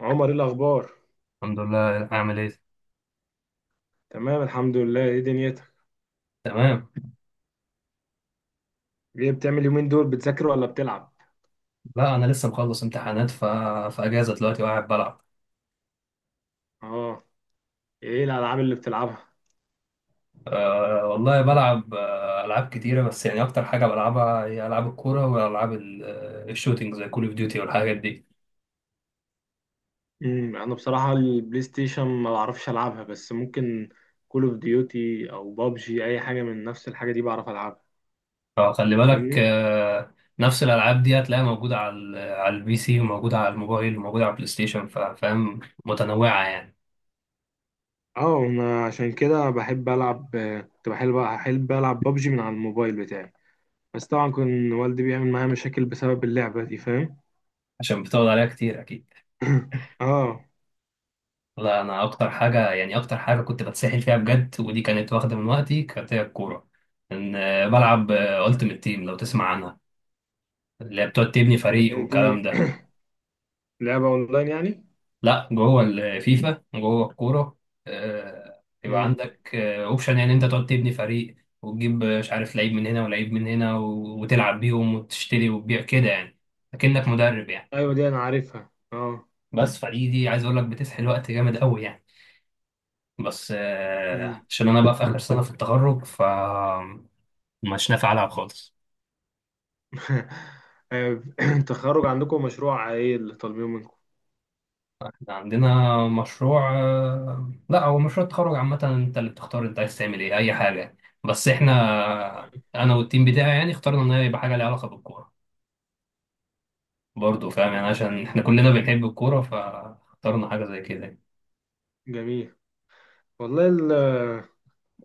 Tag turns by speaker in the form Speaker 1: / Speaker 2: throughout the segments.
Speaker 1: عمر، ايه الاخبار؟
Speaker 2: الحمد لله، عامل ايه؟
Speaker 1: تمام الحمد لله. ايه دنيتك؟
Speaker 2: تمام.
Speaker 1: ايه بتعمل يومين دول، بتذاكر ولا بتلعب؟
Speaker 2: لا، انا لسه مخلص امتحانات في اجازه دلوقتي وقاعد بلعب.
Speaker 1: اه. ايه الالعاب اللي بتلعبها؟
Speaker 2: أه والله بلعب العاب كتيره، بس يعني اكتر حاجه بلعبها هي العاب الكوره والعاب الشوتينج زي كول اوف ديوتي والحاجات دي.
Speaker 1: انا بصراحه البلاي ستيشن ما بعرفش العبها، بس ممكن كول اوف ديوتي او بابجي، اي حاجه من نفس الحاجه دي بعرف العبها.
Speaker 2: فخلي بالك
Speaker 1: فاهمني.
Speaker 2: نفس الالعاب دي هتلاقيها موجوده على على البي سي وموجوده على الموبايل وموجوده على البلاي ستيشن، فاهم؟ متنوعه يعني.
Speaker 1: اه، ما عشان كده بحب العب. كنت بحب العب بابجي من على الموبايل بتاعي. بس طبعا كان والدي بيعمل معايا مشاكل بسبب اللعبه دي، فاهم.
Speaker 2: عشان بتقعد عليها كتير اكيد.
Speaker 1: اه.
Speaker 2: لا، انا اكتر حاجه يعني اكتر حاجه كنت بتسحل فيها بجد ودي كانت واخده من وقتي كانت هي الكوره. ان بلعب التيمت تيم، لو تسمع عنها، اللي هي بتقعد تبني فريق
Speaker 1: دي
Speaker 2: والكلام ده.
Speaker 1: لعبه اونلاين يعني.
Speaker 2: لا، جوه الفيفا جوه الكوره. يبقى
Speaker 1: مم.
Speaker 2: عندك اوبشن يعني انت تقعد تبني فريق وتجيب، مش عارف، لعيب من هنا ولعيب من هنا، وتلعب بيهم وتشتري وتبيع كده يعني، اكنك مدرب يعني.
Speaker 1: ايوه دي انا عارفها، اه.
Speaker 2: بس فدي عايز اقول لك بتسحل وقت جامد قوي يعني. بس
Speaker 1: امم.
Speaker 2: عشان انا بقى في اخر سنه في التخرج ف مش نافع ألعب خالص.
Speaker 1: آه، التخرج عندكم مشروع ايه اللي طالبينه منكم؟
Speaker 2: إحنا عندنا مشروع، لا هو مشروع التخرج عامة، انت اللي بتختار انت عايز تعمل ايه، اي حاجة يعني. بس احنا
Speaker 1: كويس.
Speaker 2: انا والتيم بتاعي يعني اخترنا ان هي يبقى حاجة ليها علاقة بالكورة، برضه فاهم يعني،
Speaker 1: وقعت.
Speaker 2: عشان احنا
Speaker 1: أمم.
Speaker 2: كلنا بنحب الكورة فاخترنا حاجة زي كده يعني.
Speaker 1: جميل. والله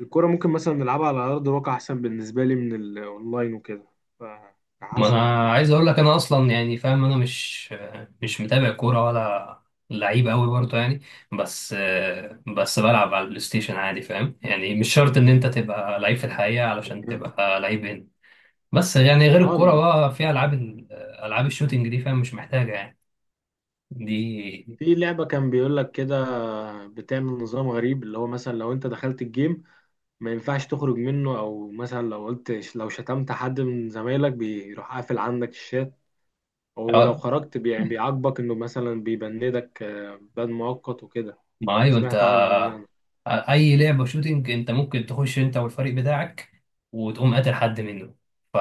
Speaker 1: الكرة ممكن مثلا نلعبها على ارض الواقع احسن بالنسبة لي من الاونلاين وكده،
Speaker 2: ما
Speaker 1: فحسن يعني
Speaker 2: انا عايز
Speaker 1: بيفضل
Speaker 2: اقول لك
Speaker 1: حاجة.
Speaker 2: انا اصلا يعني فاهم، انا مش مش متابع كورة ولا لعيب قوي برضه يعني. بس بس بلعب على البلاي ستيشن عادي، فاهم يعني مش شرط ان انت تبقى لعيب في الحقيقة علشان تبقى لعيب. بس يعني غير الكورة
Speaker 1: اه،
Speaker 2: بقى، في ألعاب ألعاب الشوتينج دي، فاهم مش محتاجة يعني دي.
Speaker 1: في لعبة كان بيقول لك كده، بتعمل نظام غريب اللي هو مثلا لو انت دخلت الجيم ما ينفعش تخرج منه. او مثلا لو قلت، لو شتمت حد من زمايلك بيروح قافل عندك الشات. ولو
Speaker 2: اه،
Speaker 1: خرجت يعني بيعاقبك انه مثلا بيبندك، بند مؤقت وكده.
Speaker 2: ما أيوة أنت،
Speaker 1: سمعت عنها دي انا،
Speaker 2: أي لعبة شوتينج أنت ممكن تخش أنت والفريق بتاعك وتقوم قاتل حد منه، ف...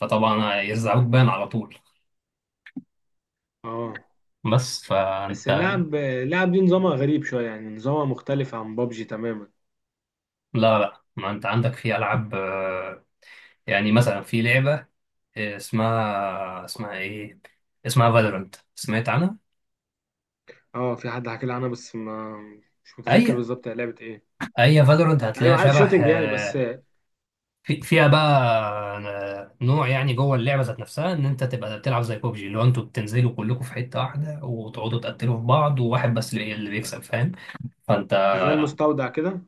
Speaker 2: فطبعا يرزعوك بان على طول.
Speaker 1: اه.
Speaker 2: بس
Speaker 1: بس
Speaker 2: فأنت.
Speaker 1: اللعب دي نظامها غريب شوية، يعني نظامها مختلف عن بابجي تماما.
Speaker 2: لا لا، ما أنت عندك في ألعاب، يعني مثلا في لعبة، اسمها إيه، اسمها فالورانت، سمعت عنها؟
Speaker 1: اه في حد حكى لي عنها، بس ما مش متذكر
Speaker 2: أي،
Speaker 1: بالظبط هي لعبة ايه.
Speaker 2: أي فالورانت
Speaker 1: ايوه
Speaker 2: هتلاقيها
Speaker 1: عارف،
Speaker 2: شبه،
Speaker 1: شوتينج يعني، بس
Speaker 2: في فيها بقى نوع يعني جوه اللعبه ذات نفسها، ان انت تبقى بتلعب زي بوبجي، اللي هو انتوا بتنزلوا كلكم في حته واحده وتقعدوا تقتلوا في بعض، وواحد بس اللي بيكسب، فاهم؟ فانت.
Speaker 1: زي المستودع كده.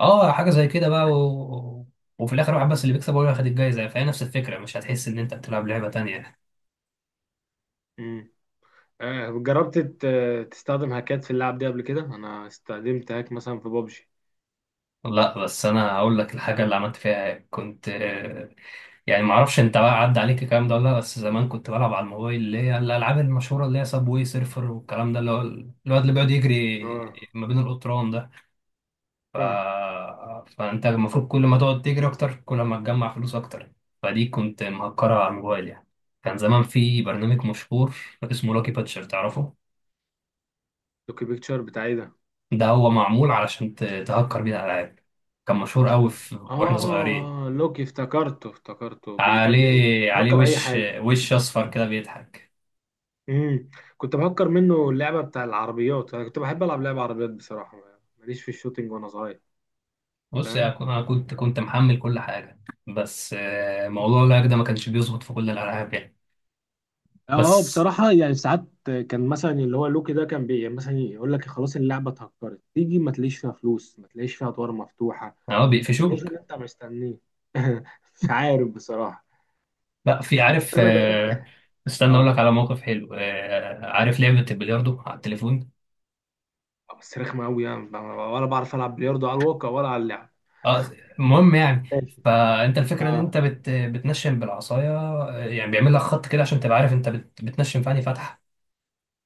Speaker 2: اه، حاجه زي كده بقى، وفي الاخر واحد بس اللي بيكسب هو اللي هياخد الجايزه، فهي نفس الفكره مش هتحس ان انت بتلعب لعبه تانيه.
Speaker 1: امم. آه، جربت تستخدم هاكات في اللعب دي قبل كده؟ انا استخدمت هاك مثلا في بابجي.
Speaker 2: لا، بس انا هقول لك الحاجه اللي عملت فيها إيه. كنت يعني ما اعرفش انت بقى عدى عليك الكلام ده ولا لا، بس زمان كنت بلعب على الموبايل، اللي هي الالعاب المشهوره اللي هي سابوي سيرفر والكلام ده، اللي هو الواد اللي بيقعد يجري
Speaker 1: اه،
Speaker 2: ما بين القطران ده، ف...
Speaker 1: فاهم.
Speaker 2: فانت المفروض كل ما تقعد تجري اكتر كل ما تجمع فلوس اكتر. فدي كنت مهكرها على الموبايل يعني. كان زمان في برنامج مشهور اسمه لاكي باتشر، تعرفه؟
Speaker 1: لوكي بيكتشر بتاعي ده؟
Speaker 2: ده هو معمول علشان تهكر بيه الالعاب. كان مشهور قوي واحنا صغيرين،
Speaker 1: اه، لوكي، افتكرته افتكرته.
Speaker 2: عليه
Speaker 1: بيهكر اي
Speaker 2: وش
Speaker 1: حاجه.
Speaker 2: اصفر كده بيضحك.
Speaker 1: امم. كنت بهكر منه اللعبه بتاع العربيات. انا كنت بحب العب لعبه عربيات بصراحه، ماليش في الشوتينج وانا صغير.
Speaker 2: بص يا
Speaker 1: فاهم.
Speaker 2: انا كنت محمل كل حاجه. بس موضوع اللاج ده ما كانش بيظبط في كل الالعاب يعني.
Speaker 1: اه
Speaker 2: بس.
Speaker 1: بصراحة يعني ساعات كان مثلا اللي هو لوكي ده كان يعني مثلا يقول لك خلاص اللعبة اتهكرت، تيجي ما تلاقيش فيها فلوس، ما تلاقيش فيها أدوار مفتوحة،
Speaker 2: اه
Speaker 1: ما تلاقيش
Speaker 2: بيقفشوك.
Speaker 1: اللي أنت مستنيه. مش عارف بصراحة،
Speaker 2: لا، في
Speaker 1: بس
Speaker 2: عارف.
Speaker 1: أنا جربت.
Speaker 2: استنى اقول لك
Speaker 1: اه،
Speaker 2: على موقف حلو. عارف لعبه البلياردو على التليفون؟
Speaker 1: بس رخمة أوي يعني ولا بعرف ألعب بلياردو على الواقع ولا على اللعب.
Speaker 2: اه. المهم يعني.
Speaker 1: ماشي.
Speaker 2: فانت الفكره ان انت
Speaker 1: اه.
Speaker 2: بتنشن بالعصايه، يعني بيعمل لك خط كده عشان تبقى عارف انت بتنشن في انهي فتحه.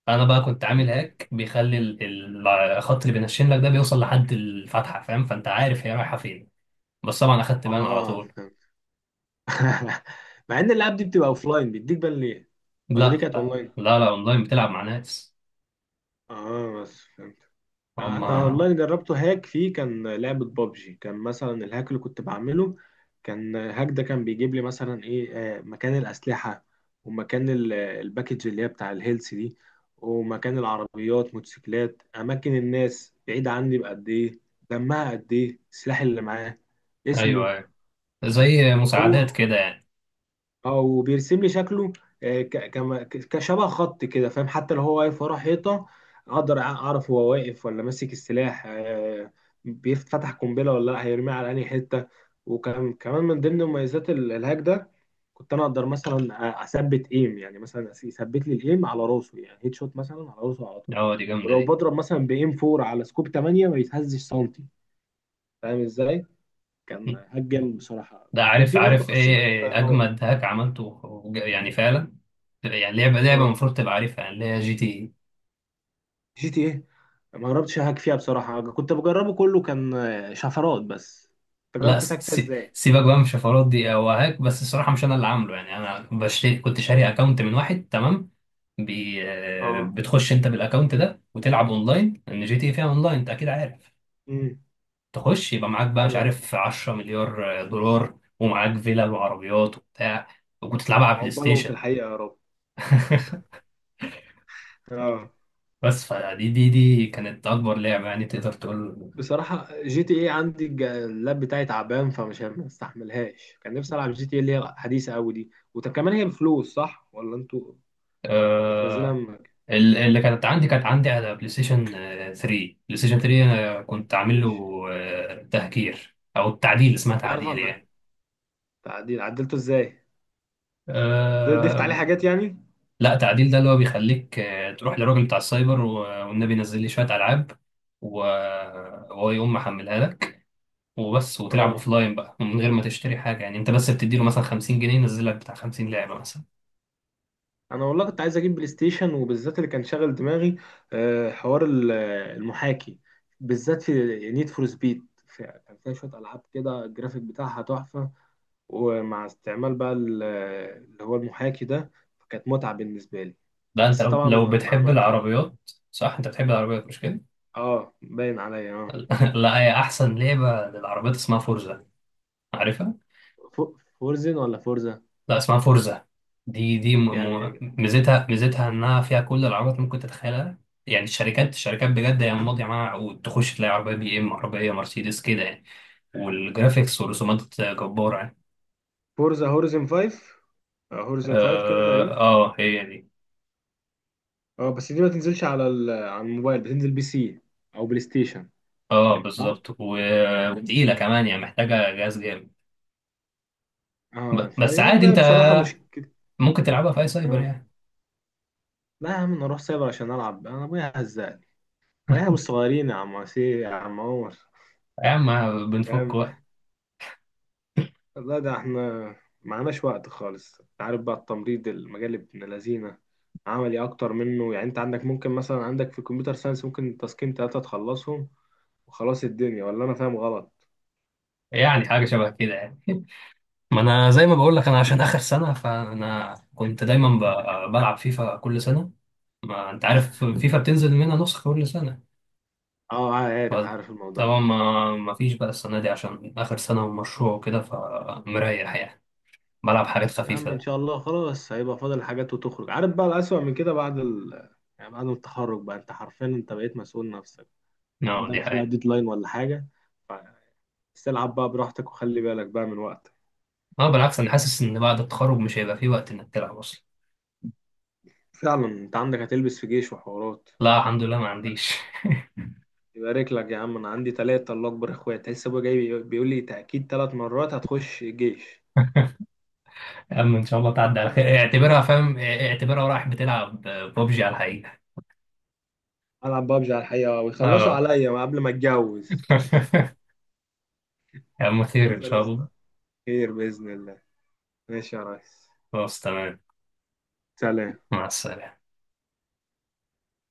Speaker 2: انا بقى كنت عامل هاك بيخلي الخط اللي بينشن لك ده بيوصل لحد الفتحه، فاهم، فانت عارف هي رايحه فين. بس طبعا اخدت بان على
Speaker 1: اه،
Speaker 2: طول.
Speaker 1: فهمت. مع ان الالعاب دي بتبقى اوفلاين، بيديك بان ليه؟ ولا دي
Speaker 2: لا
Speaker 1: كانت اونلاين؟
Speaker 2: لا لا اونلاين بتلعب مع ناس.
Speaker 1: اه، بس فهمت.
Speaker 2: هم.
Speaker 1: انا اونلاين جربته هاك فيه، كان لعبة بابجي. كان مثلا الهاك اللي كنت بعمله، كان هاك ده كان بيجيب لي مثلا ايه، مكان الاسلحة، ومكان الباكج اللي هي بتاع الهيلث دي، ومكان العربيات موتوسيكلات، اماكن الناس بعيد عني بقد ايه، دمها قد ايه، السلاح اللي معاه
Speaker 2: ايوه
Speaker 1: اسمه.
Speaker 2: ايوه، زي مساعدات
Speaker 1: هو
Speaker 2: كده يعني.
Speaker 1: او بيرسم لي شكله، كشبه خط كده فاهم. حتى لو هو واقف ورا حيطه اقدر اعرف هو واقف ولا ماسك السلاح، بيفتح قنبله ولا لا، هيرميها على انهي حته. وكمان من ضمن مميزات الهاك ده، كنت انا اقدر مثلا اثبت ايم، يعني مثلا يثبت لي الايم على راسه، يعني هيد شوت مثلا على راسه على طول.
Speaker 2: اه دي جامده
Speaker 1: ولو
Speaker 2: دي.
Speaker 1: بضرب مثلا بايم 4 على سكوب 8 ما بيتهزش سنتي، فاهم ازاي؟ كان هاك جامد بصراحه.
Speaker 2: ده
Speaker 1: كان
Speaker 2: عارف،
Speaker 1: في برضه
Speaker 2: عارف ايه
Speaker 1: خاصيه
Speaker 2: إيه
Speaker 1: الطيران.
Speaker 2: اجمد هاك عملته، يعني فعلا، يعني لعبه
Speaker 1: اه،
Speaker 2: المفروض تبقى عارفها يعني، اللي هي جي تي إيه.
Speaker 1: جي تي ايه. ما جربتش اهاك فيها بصراحه. كنت بجربه كله كان شفرات بس. انت
Speaker 2: لا،
Speaker 1: جربت تهاك فيها ازاي؟
Speaker 2: سيبك بقى من الشفرات دي، هو هاك بس الصراحه مش انا اللي عامله يعني، انا بشتري، كنت شاري اكونت من واحد تمام. بي... آه،
Speaker 1: اه.
Speaker 2: بتخش انت بالاكونت ده وتلعب اونلاين، لان جي تي إيه فيها اونلاين انت اكيد عارف.
Speaker 1: امم.
Speaker 2: تخش يبقى معاك بقى مش
Speaker 1: ايوه.
Speaker 2: عارف 10 مليار دولار ومعاك فيلا وعربيات وبتاع، وتلعبها على بلاي
Speaker 1: عقبالهم في
Speaker 2: ستيشن.
Speaker 1: الحقيقه يا رب. اه،
Speaker 2: بس فدي دي دي كانت اكبر لعبه يعني تقدر تقول.
Speaker 1: بصراحه جي تي ايه عندي اللاب بتاعي تعبان فمش ما استحملهاش. كان نفسي العب جي تي ايه اللي هي حديثه قوي دي. وكمان هي بفلوس صح، ولا انتوا بتنزلها؟
Speaker 2: آه،
Speaker 1: ما
Speaker 2: اللي كانت عندي على بلاي ستيشن 3. بلاي ستيشن 3 انا كنت عامل
Speaker 1: ايش؟
Speaker 2: له تهكير، او التعديل اسمها،
Speaker 1: عارف
Speaker 2: تعديل
Speaker 1: انا.
Speaker 2: يعني.
Speaker 1: تعديل، عدلته ازاي؟ ضفت عليه
Speaker 2: آه،
Speaker 1: حاجات يعني؟
Speaker 2: لا، تعديل ده اللي هو بيخليك تروح للراجل بتاع السايبر والنبي ينزل لي شوية ألعاب، و- وهو يقوم محملها لك وبس، وتلعب
Speaker 1: اه،
Speaker 2: أوفلاين بقى من غير ما تشتري حاجة يعني. أنت بس بتديله مثلا 50 جنيه ينزل لك بتاع 50 لعبة مثلا.
Speaker 1: انا والله كنت عايز اجيب بلاي ستيشن، وبالذات اللي كان شاغل دماغي حوار المحاكي، بالذات في نيد فور سبيد. كان فيها شويه العاب كده الجرافيك بتاعها تحفه، ومع استعمال بقى اللي هو المحاكي ده، فكانت متعه بالنسبه لي.
Speaker 2: ده أنت
Speaker 1: بس
Speaker 2: لو
Speaker 1: طبعا ما
Speaker 2: بتحب
Speaker 1: عملتش ده.
Speaker 2: العربيات. صح، أنت بتحب العربيات مش كده؟
Speaker 1: اه، باين عليا اه.
Speaker 2: لا، هي أحسن لعبة للعربيات اسمها فورزا، عارفها؟
Speaker 1: فورزن ولا فورزا؟
Speaker 2: لا، اسمها فورزا. دي
Speaker 1: يعني
Speaker 2: ميزتها، انها فيها كل العربيات ممكن تتخيلها يعني. الشركات بجد هي ماضيه معاها عقود، تخش تلاقي عربيه بي ام، عربيه مرسيدس كده يعني، والجرافيكس ورسومات جباره يعني.
Speaker 1: فورزا هورزن 5، هورزن 5 كده
Speaker 2: اه،
Speaker 1: تقريبا.
Speaker 2: هي دي.
Speaker 1: اه، بس دي ما تنزلش على على الموبايل، بتنزل بي سي او بلاي ستيشن.
Speaker 2: اه،
Speaker 1: صح.
Speaker 2: بالظبط، وتقيله كمان يعني، محتاجه جهاز جامد.
Speaker 1: اه
Speaker 2: بس
Speaker 1: فهي دي
Speaker 2: عادي
Speaker 1: بقى
Speaker 2: انت
Speaker 1: بصراحة مشكلة.
Speaker 2: ممكن تلعبها في اي سايبر
Speaker 1: اه،
Speaker 2: يعني.
Speaker 1: لا يا عم، انا اروح سايبر عشان العب؟ انا ابويا هزقني. واحنا مش صغيرين يا عم، عسير يا عم عمر،
Speaker 2: يا عم بنفك
Speaker 1: فاهم.
Speaker 2: وقت.
Speaker 1: لا ده احنا معناش وقت خالص. انت عارف بقى التمريض، المجال ابن لذينه، عملي اكتر منه. يعني انت عندك ممكن مثلا عندك في الكمبيوتر ساينس ممكن تاسكين تلاتة تخلصهم وخلاص الدنيا، ولا انا فاهم غلط؟
Speaker 2: يعني حاجه شبه كده يعني. ما انا زي ما بقول لك انا عشان اخر سنه، فانا كنت دايما بلعب فيفا كل سنه، ما انت عارف فيفا بتنزل منها نسخة كل سنة.
Speaker 1: اه، عارف عارف الموضوع
Speaker 2: فطبعا
Speaker 1: ده.
Speaker 2: ما فيش بقى السنة دي عشان آخر سنة ومشروع وكده، فمريح يعني، بلعب حاجات
Speaker 1: يا عم ان
Speaker 2: خفيفة.
Speaker 1: شاء الله خلاص، هيبقى فاضل حاجات وتخرج. عارف بقى الأسوأ من كده بعد يعني بعد التخرج بقى، انت حرفيا انت بقيت مسؤول نفسك. ما
Speaker 2: اه دي
Speaker 1: عندكش بقى
Speaker 2: حقيقة.
Speaker 1: ديدلاين ولا حاجة. بس العب بقى براحتك وخلي بالك بقى من وقتك.
Speaker 2: اه بالعكس، انا حاسس ان بعد التخرج مش هيبقى في وقت انك تلعب اصلا.
Speaker 1: فعلا انت عندك هتلبس في جيش وحوارات؟
Speaker 2: لا الحمد
Speaker 1: ولا
Speaker 2: لله
Speaker 1: انت
Speaker 2: ما عنديش.
Speaker 1: عندكش؟ يبارك لك يا عم. انا عندي تلاتة الله اكبر اخوات، لسه ابويا جاي بيقول لي تأكيد تلات مرات هتخش الجيش.
Speaker 2: اما ان شاء الله تعدي على
Speaker 1: ما-
Speaker 2: خير، اعتبرها فاهم، اعتبرها رايح بتلعب ببجي على الحقيقة.
Speaker 1: العب بابجي على الحقيقة، ويخلصوا
Speaker 2: اه.
Speaker 1: عليا قبل ما اتجوز.
Speaker 2: يا عم خير ان
Speaker 1: بتهزر يا
Speaker 2: شاء
Speaker 1: اسطى؟
Speaker 2: الله.
Speaker 1: خير بإذن الله. ماشي يا ريس.
Speaker 2: خلاص، تمام.
Speaker 1: سلام.
Speaker 2: مع السلامة.